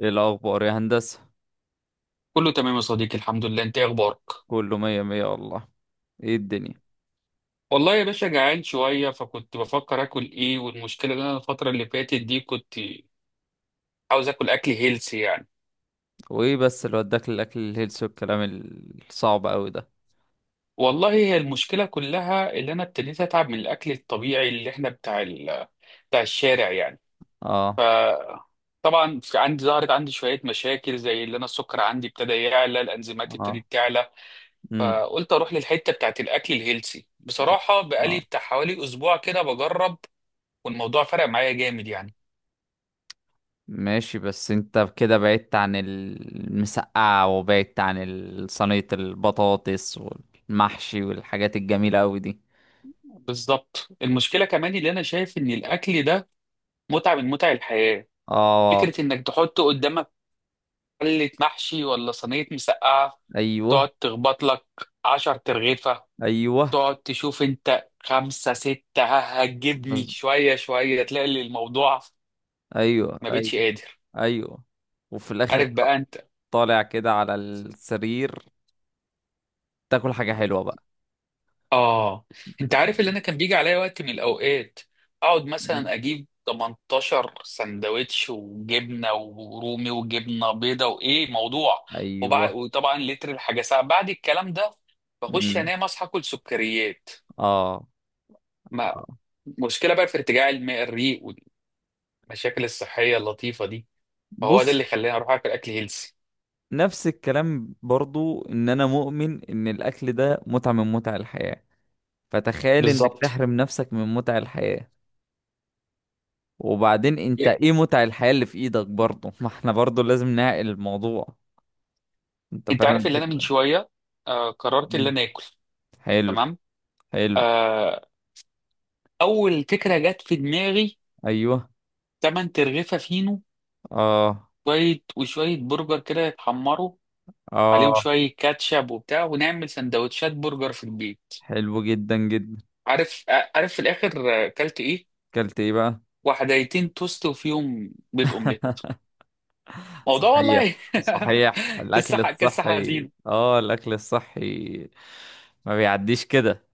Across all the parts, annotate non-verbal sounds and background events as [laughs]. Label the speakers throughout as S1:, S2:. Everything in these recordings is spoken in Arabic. S1: ايه الاخبار يا هندسه؟
S2: كله تمام يا صديقي، الحمد لله. انت ايه اخبارك؟
S1: كله مية مية والله. ايه الدنيا؟
S2: والله يا باشا جعان شويه، فكنت بفكر اكل ايه. والمشكله ان انا الفتره اللي فاتت دي كنت عاوز اكل اكل هيلثي يعني.
S1: وايه بس اللي وداك للاكل الهيلثي والكلام الصعب قوي ده؟
S2: والله هي المشكله كلها اللي انا ابتديت اتعب من الاكل الطبيعي اللي احنا بتاع الشارع يعني. ف
S1: اه.
S2: طبعا في عندي، ظهرت عندي شويه مشاكل، زي اللي انا السكر عندي ابتدى يعلى، الانزيمات
S1: اه.
S2: ابتدت تعلى.
S1: امم.
S2: فقلت اروح للحته بتاعت الاكل الهيلثي. بصراحه بقالي
S1: اه.
S2: بتاع حوالي اسبوع كده بجرب، والموضوع فرق معايا جامد يعني.
S1: ماشي، بس انت كده بعدت عن المسقعه وبعدت عن صينيه البطاطس والمحشي والحاجات الجميله قوي دي.
S2: بالظبط. المشكله كمان اللي انا شايف ان الاكل ده متعه من متع الحياه.
S1: اه.
S2: فكره انك تحط قدامك حله محشي ولا صينيه مسقعه،
S1: ايوه،
S2: تقعد تخبط لك 10 ترغيفه،
S1: ايوه.
S2: تقعد تشوف انت 5 6، ها هتجيبني
S1: بز-
S2: شويه شويه تلاقي الموضوع
S1: ايوه،
S2: ما بقتش
S1: ايوه،
S2: قادر.
S1: ايوه. وفي الاخر
S2: عارف بقى
S1: تروح
S2: انت.
S1: طالع كده على السرير، تاكل حاجه حلوه بقى.
S2: اه. انت عارف اللي انا كان بيجي عليا وقت من الاوقات، اقعد مثلا اجيب 18 سندوتش وجبنه ورومي وجبنه بيضه وايه موضوع،
S1: ايوه.
S2: وطبعا لتر الحاجه ساعه بعد الكلام ده، بخش
S1: امم.
S2: انام، اصحى اكل سكريات.
S1: اه.
S2: ما
S1: آه.
S2: مشكله بقى في ارتجاع الريق والمشاكل الصحيه اللطيفه دي. فهو ده
S1: بص.
S2: اللي خلاني اروح اكل اكل هيلسي.
S1: نفس الكلام برضو ان انا مؤمن ان الاكل ده متعة من متع الحياة، فتخيل انك
S2: بالظبط.
S1: تحرم نفسك من متع الحياة. وبعدين انت
S2: Yeah.
S1: ايه متع الحياة اللي في ايدك برضو؟ [laughs] ما احنا برضو لازم نعقل الموضوع. انت
S2: انت
S1: فاهم
S2: عارف اللي انا من
S1: الفكرة؟
S2: شويه قررت اللي
S1: مم.
S2: انا اكل.
S1: حلو.
S2: تمام.
S1: حلو.
S2: آه، اول فكره جت في دماغي
S1: ايوه.
S2: 8 ترغيفه فينو،
S1: اه،
S2: شويه وشويه برجر كده يتحمروا، عليهم
S1: اه.
S2: شويه كاتشب وبتاع، ونعمل سندوتشات برجر في البيت.
S1: حلو جدا جدا.
S2: عارف في الاخر اكلت ايه.
S1: اكلت ايه بقى؟
S2: وحدايتين توست وفيهم بيض اومليت موضوع،
S1: صحيح،
S2: والله.
S1: صحيح.
S2: [laughs]
S1: الأكل
S2: قصه
S1: الصحي،
S2: حزينه.
S1: الأكل الصحي. ما بيعديش كده.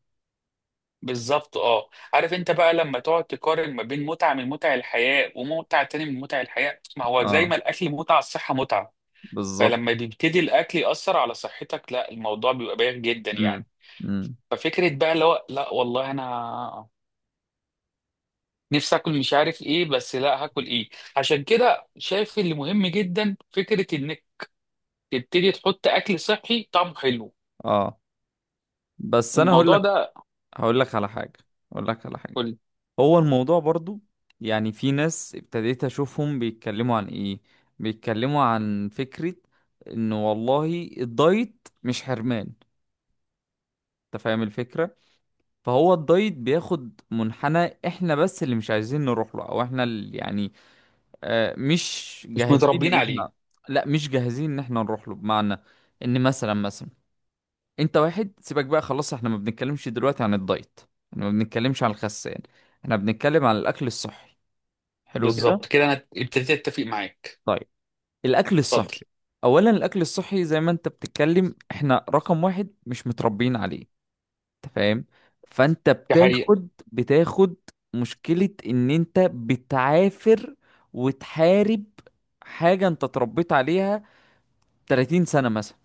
S2: بالظبط. اه. عارف انت بقى لما تقعد تقارن ما بين متعه من متع الحياه ومتعه تاني من متع الحياه. ما هو زي
S1: اه،
S2: ما الاكل متعه، الصحه متعه.
S1: بالظبط.
S2: فلما بيبتدي الاكل ياثر على صحتك، لا، الموضوع بيبقى بايخ جدا
S1: امم.
S2: يعني.
S1: امم.
S2: ففكره بقى اللي هو لا والله انا نفسي اكل مش عارف ايه، بس لا، هاكل ايه. عشان كده شايف اللي مهم جدا فكره انك تبتدي تحط اكل صحي طعمه حلو.
S1: اه. بس أنا هقول
S2: الموضوع
S1: لك،
S2: ده
S1: هقول لك على حاجة هقول لك على حاجة.
S2: كل
S1: هو الموضوع برضو، يعني، في ناس ابتديت أشوفهم بيتكلموا عن إيه؟ بيتكلموا عن فكرة إنه والله الدايت مش حرمان. أنت فاهم الفكرة؟ فهو الدايت بياخد منحنى، احنا بس اللي مش عايزين نروح له، او احنا اللي، يعني، مش
S2: مش
S1: جاهزين
S2: متربيين
S1: ان احنا.
S2: عليه.
S1: لا، مش جاهزين ان احنا نروح له، بمعنى ان، مثلا انت واحد سيبك بقى خلاص. احنا ما بنتكلمش دلوقتي عن الدايت، احنا ما بنتكلمش عن الخسان، احنا بنتكلم عن الاكل الصحي. حلو كده؟
S2: بالظبط كده، انا ابتديت اتفق معاك.
S1: طيب، الاكل
S2: اتفضل.
S1: الصحي. اولا الاكل الصحي زي ما انت بتتكلم، احنا رقم واحد مش متربيين عليه. انت فاهم؟ فانت
S2: دي حقيقه.
S1: بتاخد مشكلة ان انت بتعافر وتحارب حاجة انت اتربيت عليها 30 سنة مثلا.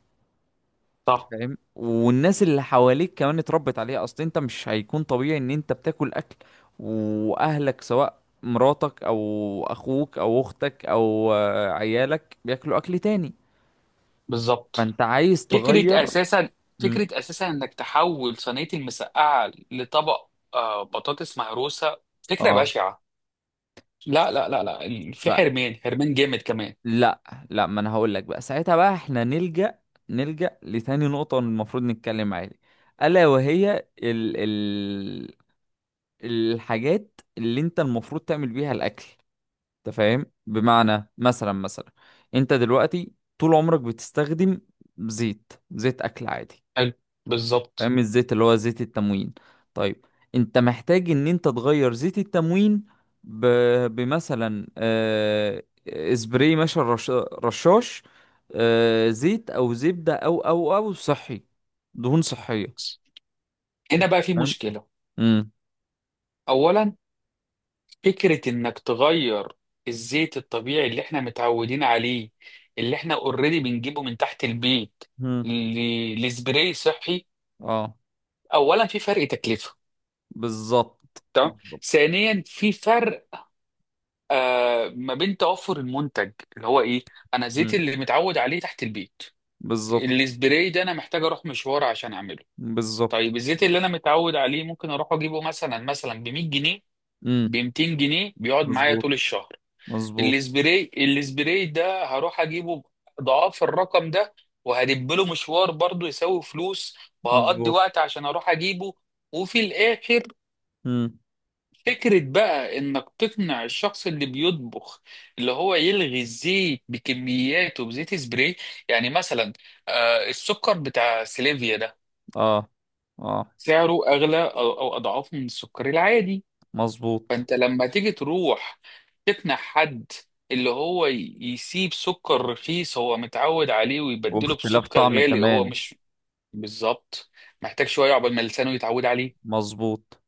S1: انت
S2: صح.
S1: فاهم؟ والناس اللي حواليك كمان اتربت عليها، اصل انت مش هيكون طبيعي ان انت بتاكل اكل واهلك، سواء مراتك او اخوك او اختك او عيالك، بياكلوا اكل تاني.
S2: بالظبط.
S1: فانت عايز تغير.
S2: فكرة أساسا
S1: مم.
S2: فكرة أساسا إنك تحول صينية المسقعة لطبق بطاطس مهروسة. فكرة
S1: اه.
S2: بشعة. لا، لا، لا، لا، في
S1: س-
S2: حرمان، حرمان جامد كمان.
S1: لا، لا، ما انا هقول لك بقى. ساعتها بقى احنا نلجأ، نلجأ لتاني نقطة المفروض نتكلم عليها، الا وهي ال ال الحاجات اللي انت المفروض تعمل بيها الاكل. انت فاهم؟ بمعنى، مثلا، انت دلوقتي طول عمرك بتستخدم زيت اكل عادي.
S2: حلو. بالظبط.
S1: فاهم؟ الزيت اللي هو زيت التموين. طيب، انت محتاج ان انت تغير زيت التموين ب... بمثلا، اسبراي ماشي، رشاش، زيت او زبدة او صحي، دهون صحية.
S2: هنا بقى في
S1: فاهم؟
S2: مشكلة.
S1: امم.
S2: أولا، فكرة إنك تغير الزيت الطبيعي اللي إحنا متعودين عليه، اللي إحنا أوريدي بنجيبه من تحت البيت
S1: امم.
S2: لسبراي صحي.
S1: اه،
S2: أولا، في فرق تكلفة.
S1: بالظبط،
S2: تمام.
S1: بالظبط.
S2: ثانيا، في فرق ما بين توفر المنتج اللي هو ايه. انا زيت
S1: مم.
S2: اللي متعود عليه تحت البيت.
S1: بالظبط،
S2: السبراي ده انا محتاج اروح مشوار عشان اعمله.
S1: بالظبط.
S2: طيب الزيت اللي انا متعود عليه ممكن اروح اجيبه مثلا ب 100 جنيه، ب
S1: امم.
S2: 200 جنيه بيقعد معايا
S1: مظبوط،
S2: طول الشهر.
S1: مظبوط،
S2: السبراي ده هروح اجيبه ضعاف الرقم ده، وهدب له مشوار برضه يساوي فلوس، وهقضي
S1: مظبوط.
S2: وقت عشان اروح اجيبه. وفي الاخر
S1: امم.
S2: فكرة بقى إنك تقنع الشخص اللي بيطبخ اللي هو يلغي الزيت بكمياته بزيت سبراي. يعني مثلا السكر بتاع سليفيا ده،
S1: اه، اه،
S2: سعره أغلى أو أضعاف من السكر العادي.
S1: مظبوط.
S2: فأنت لما تيجي تروح تقنع حد اللي هو يسيب سكر رخيص هو متعود عليه ويبدله
S1: واختلاف
S2: بسكر
S1: طعم
S2: غالي هو
S1: كمان.
S2: مش. بالظبط. محتاج شوية عقبال ما لسانه يتعود عليه.
S1: مظبوط.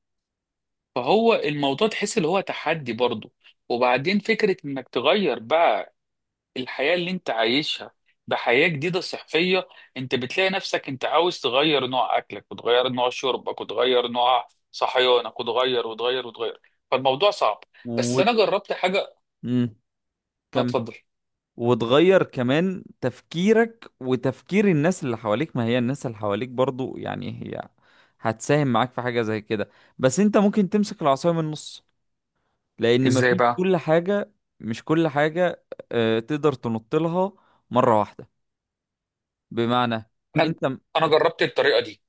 S2: فهو الموضوع تحس اللي هو تحدي برضه. وبعدين فكرة انك تغير بقى الحياة اللي انت عايشها بحياة جديدة صحية. انت بتلاقي نفسك انت عاوز تغير نوع اكلك وتغير نوع شربك وتغير نوع صحيانك وتغير وتغير وتغير. فالموضوع صعب. بس
S1: و
S2: انا جربت حاجة.
S1: امم كم
S2: اتفضل.
S1: وتغير كمان تفكيرك وتفكير الناس اللي حواليك، ما هي الناس اللي حواليك برضو، يعني، هي هتساهم معاك في حاجة زي كده. بس انت ممكن تمسك العصاية من النص، لان
S2: ازاي
S1: مفيش
S2: بقى؟
S1: كل حاجة، مش كل حاجة تقدر تنط لها مرة واحدة. بمعنى،
S2: انا
S1: انت
S2: انا جربت الطريقة دي.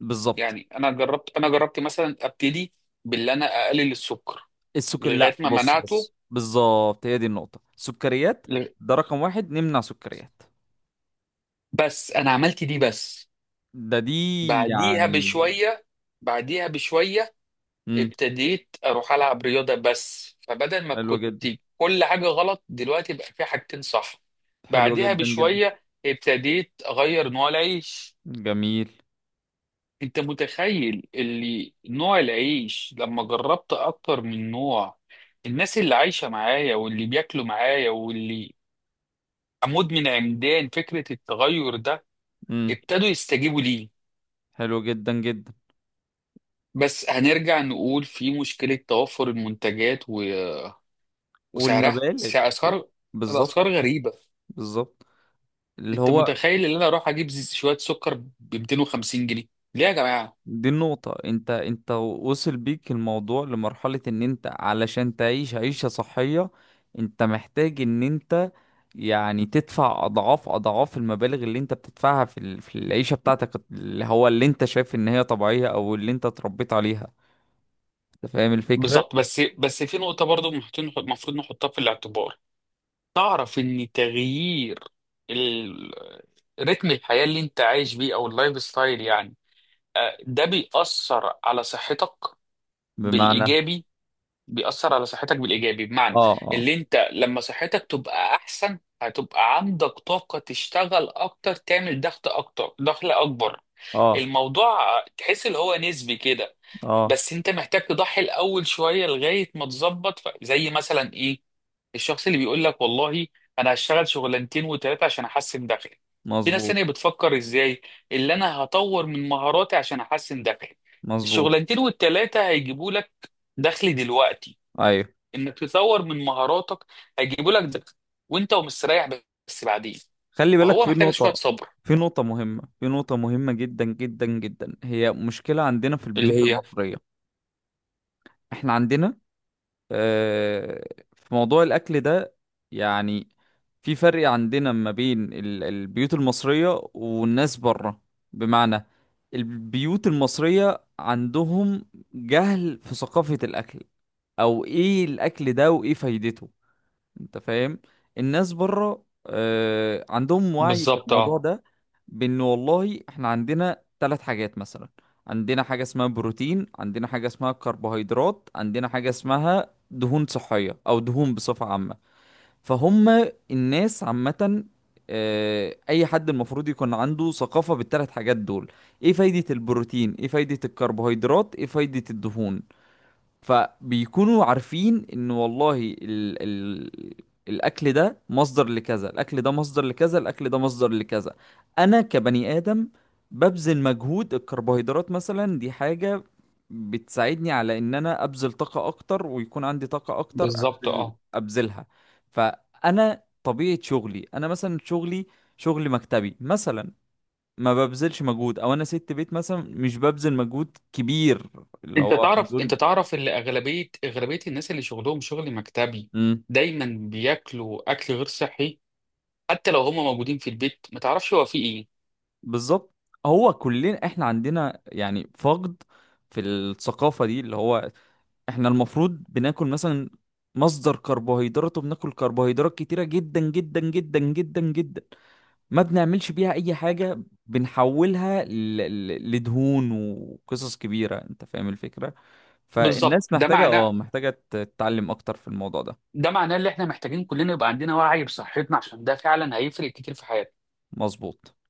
S1: بالظبط.
S2: يعني انا جربت مثلا ابتدي باللي انا اقلل السكر
S1: السكر، لا،
S2: لغاية ما
S1: بص،
S2: منعته.
S1: بص، بالظبط، هي دي النقطة، السكريات.
S2: لغ-
S1: ده رقم واحد، نمنع سكريات.
S2: بس انا عملت دي بس.
S1: ده دي
S2: بعديها
S1: يعني
S2: بشوية بعديها بشوية
S1: امم
S2: ابتديت أروح ألعب رياضة، بس فبدل ما
S1: حلوة
S2: كنت
S1: جدا.
S2: كل حاجة غلط، دلوقتي بقى في حاجتين صح.
S1: حلوة
S2: بعديها
S1: جدا جدا.
S2: بشوية ابتديت أغير نوع العيش.
S1: جميل.
S2: أنت متخيل اللي نوع العيش لما جربت أكتر من نوع، الناس اللي عايشة معايا واللي بياكلوا معايا واللي أموت من عمدان فكرة التغير ده،
S1: امم.
S2: ابتدوا يستجيبوا ليه.
S1: حلوة جدا جدا.
S2: بس هنرجع نقول في مشكلة توفر المنتجات وسعرها،
S1: والمبالغ.
S2: أسعار. الأسعار
S1: بالظبط،
S2: غريبة.
S1: بالظبط. اللي
S2: أنت
S1: هو
S2: متخيل إن أنا أروح أجيب شوية سكر ب 250 جنيه؟ ليه يا جماعة؟
S1: دي النقطة، انت وصل بيك الموضوع لمرحلة ان انت علشان تعيش عيشة صحية، انت محتاج ان انت، يعني، تدفع اضعاف اضعاف المبالغ اللي انت بتدفعها في في العيشة بتاعتك، اللي هو اللي انت شايف ان هي طبيعية او اللي انت اتربيت عليها. انت فاهم الفكرة؟
S2: بالظبط. بس في نقطة برضو المفروض نحطها في الاعتبار. تعرف إن تغيير ال... رتم الحياة اللي أنت عايش بيه، أو اللايف ستايل يعني، ده بيأثر على صحتك
S1: بمعنى،
S2: بالإيجابي. بيأثر على صحتك بالإيجابي، بمعنى
S1: اه، اه،
S2: اللي انت لما صحتك تبقى أحسن، هتبقى عندك طاقة تشتغل أكتر، تعمل ضغط أكتر، دخل أكبر.
S1: اه،
S2: الموضوع تحس اللي هو نسبي كده.
S1: اه.
S2: بس انت محتاج تضحي الأول شوية لغاية ما تظبط، زي مثلا إيه، الشخص اللي بيقول لك والله أنا هشتغل شغلانتين وتلاتة عشان أحسن دخلي. في ناس
S1: مظبوط،
S2: تانية بتفكر إزاي اللي أنا هطور من مهاراتي عشان أحسن دخلي.
S1: مظبوط.
S2: الشغلانتين والتلاتة هيجيبوا لك دخل دلوقتي،
S1: ايوه،
S2: انك تطور من مهاراتك هيجيبوا لك دخل وانت ومستريح، بس بعدين.
S1: خلي بالك
S2: فهو
S1: في
S2: محتاج شويه
S1: نقطة،
S2: صبر.
S1: في نقطة مهمة، في نقطة مهمة جدا جدا جدا، هي مشكلة عندنا في
S2: اللي
S1: البيوت
S2: هي.
S1: المصرية. احنا عندنا، آه، في موضوع الاكل ده، يعني، في فرق عندنا ما بين البيوت المصرية والناس بره. بمعنى، البيوت المصرية عندهم جهل في ثقافة الاكل، او ايه الاكل ده وايه فايدته. انت فاهم؟ الناس بره عندهم وعي في
S2: بالظبط
S1: الموضوع
S2: اه
S1: ده، بان والله احنا عندنا ثلاث حاجات مثلا. عندنا حاجة اسمها بروتين، عندنا حاجة اسمها كربوهيدرات، عندنا حاجة اسمها دهون صحية او دهون بصفة عامة. فهم الناس عامة، اي حد المفروض يكون عنده ثقافة بالثلاث حاجات دول. ايه فايدة البروتين، ايه فايدة الكربوهيدرات، ايه فايدة الدهون. فبيكونوا عارفين ان والله ال ال الاكل ده مصدر لكذا، الاكل ده مصدر لكذا، الاكل ده مصدر لكذا. انا كبني ادم ببذل مجهود، الكربوهيدرات مثلا دي حاجة بتساعدني على ان انا ابذل طاقة اكتر، ويكون عندي طاقة اكتر
S2: بالظبط
S1: ابذل
S2: اه
S1: ابذلها. فانا طبيعة شغلي، انا مثلا شغلي شغل مكتبي مثلا، ما ببذلش مجهود، او انا ست بيت مثلا، مش ببذل مجهود كبير، اللي
S2: انت
S1: هو
S2: تعرف انت
S1: مجهود.
S2: تعرف ان اغلبيه الناس اللي شغلهم شغل مكتبي دايما بياكلوا اكل غير صحي، حتى لو هم موجودين في البيت ما تعرفش هو فيه ايه.
S1: بالظبط. هو كلنا احنا عندنا، يعني، فقد في الثقافة دي، اللي هو احنا المفروض بناكل مثلا مصدر كربوهيدرات، وبناكل كربوهيدرات كتيرة جدا جدا جدا جدا جدا، ما بنعملش بيها اي حاجة، بنحولها لدهون وقصص كبيرة. انت فاهم الفكرة؟
S2: بالظبط.
S1: فالناس
S2: ده
S1: محتاجة،
S2: معناه
S1: محتاجة تتعلم اكتر في الموضوع ده.
S2: ده معناه ان احنا محتاجين كلنا يبقى عندنا وعي بصحتنا، عشان ده فعلا هيفرق كتير في حياتنا.
S1: مظبوط.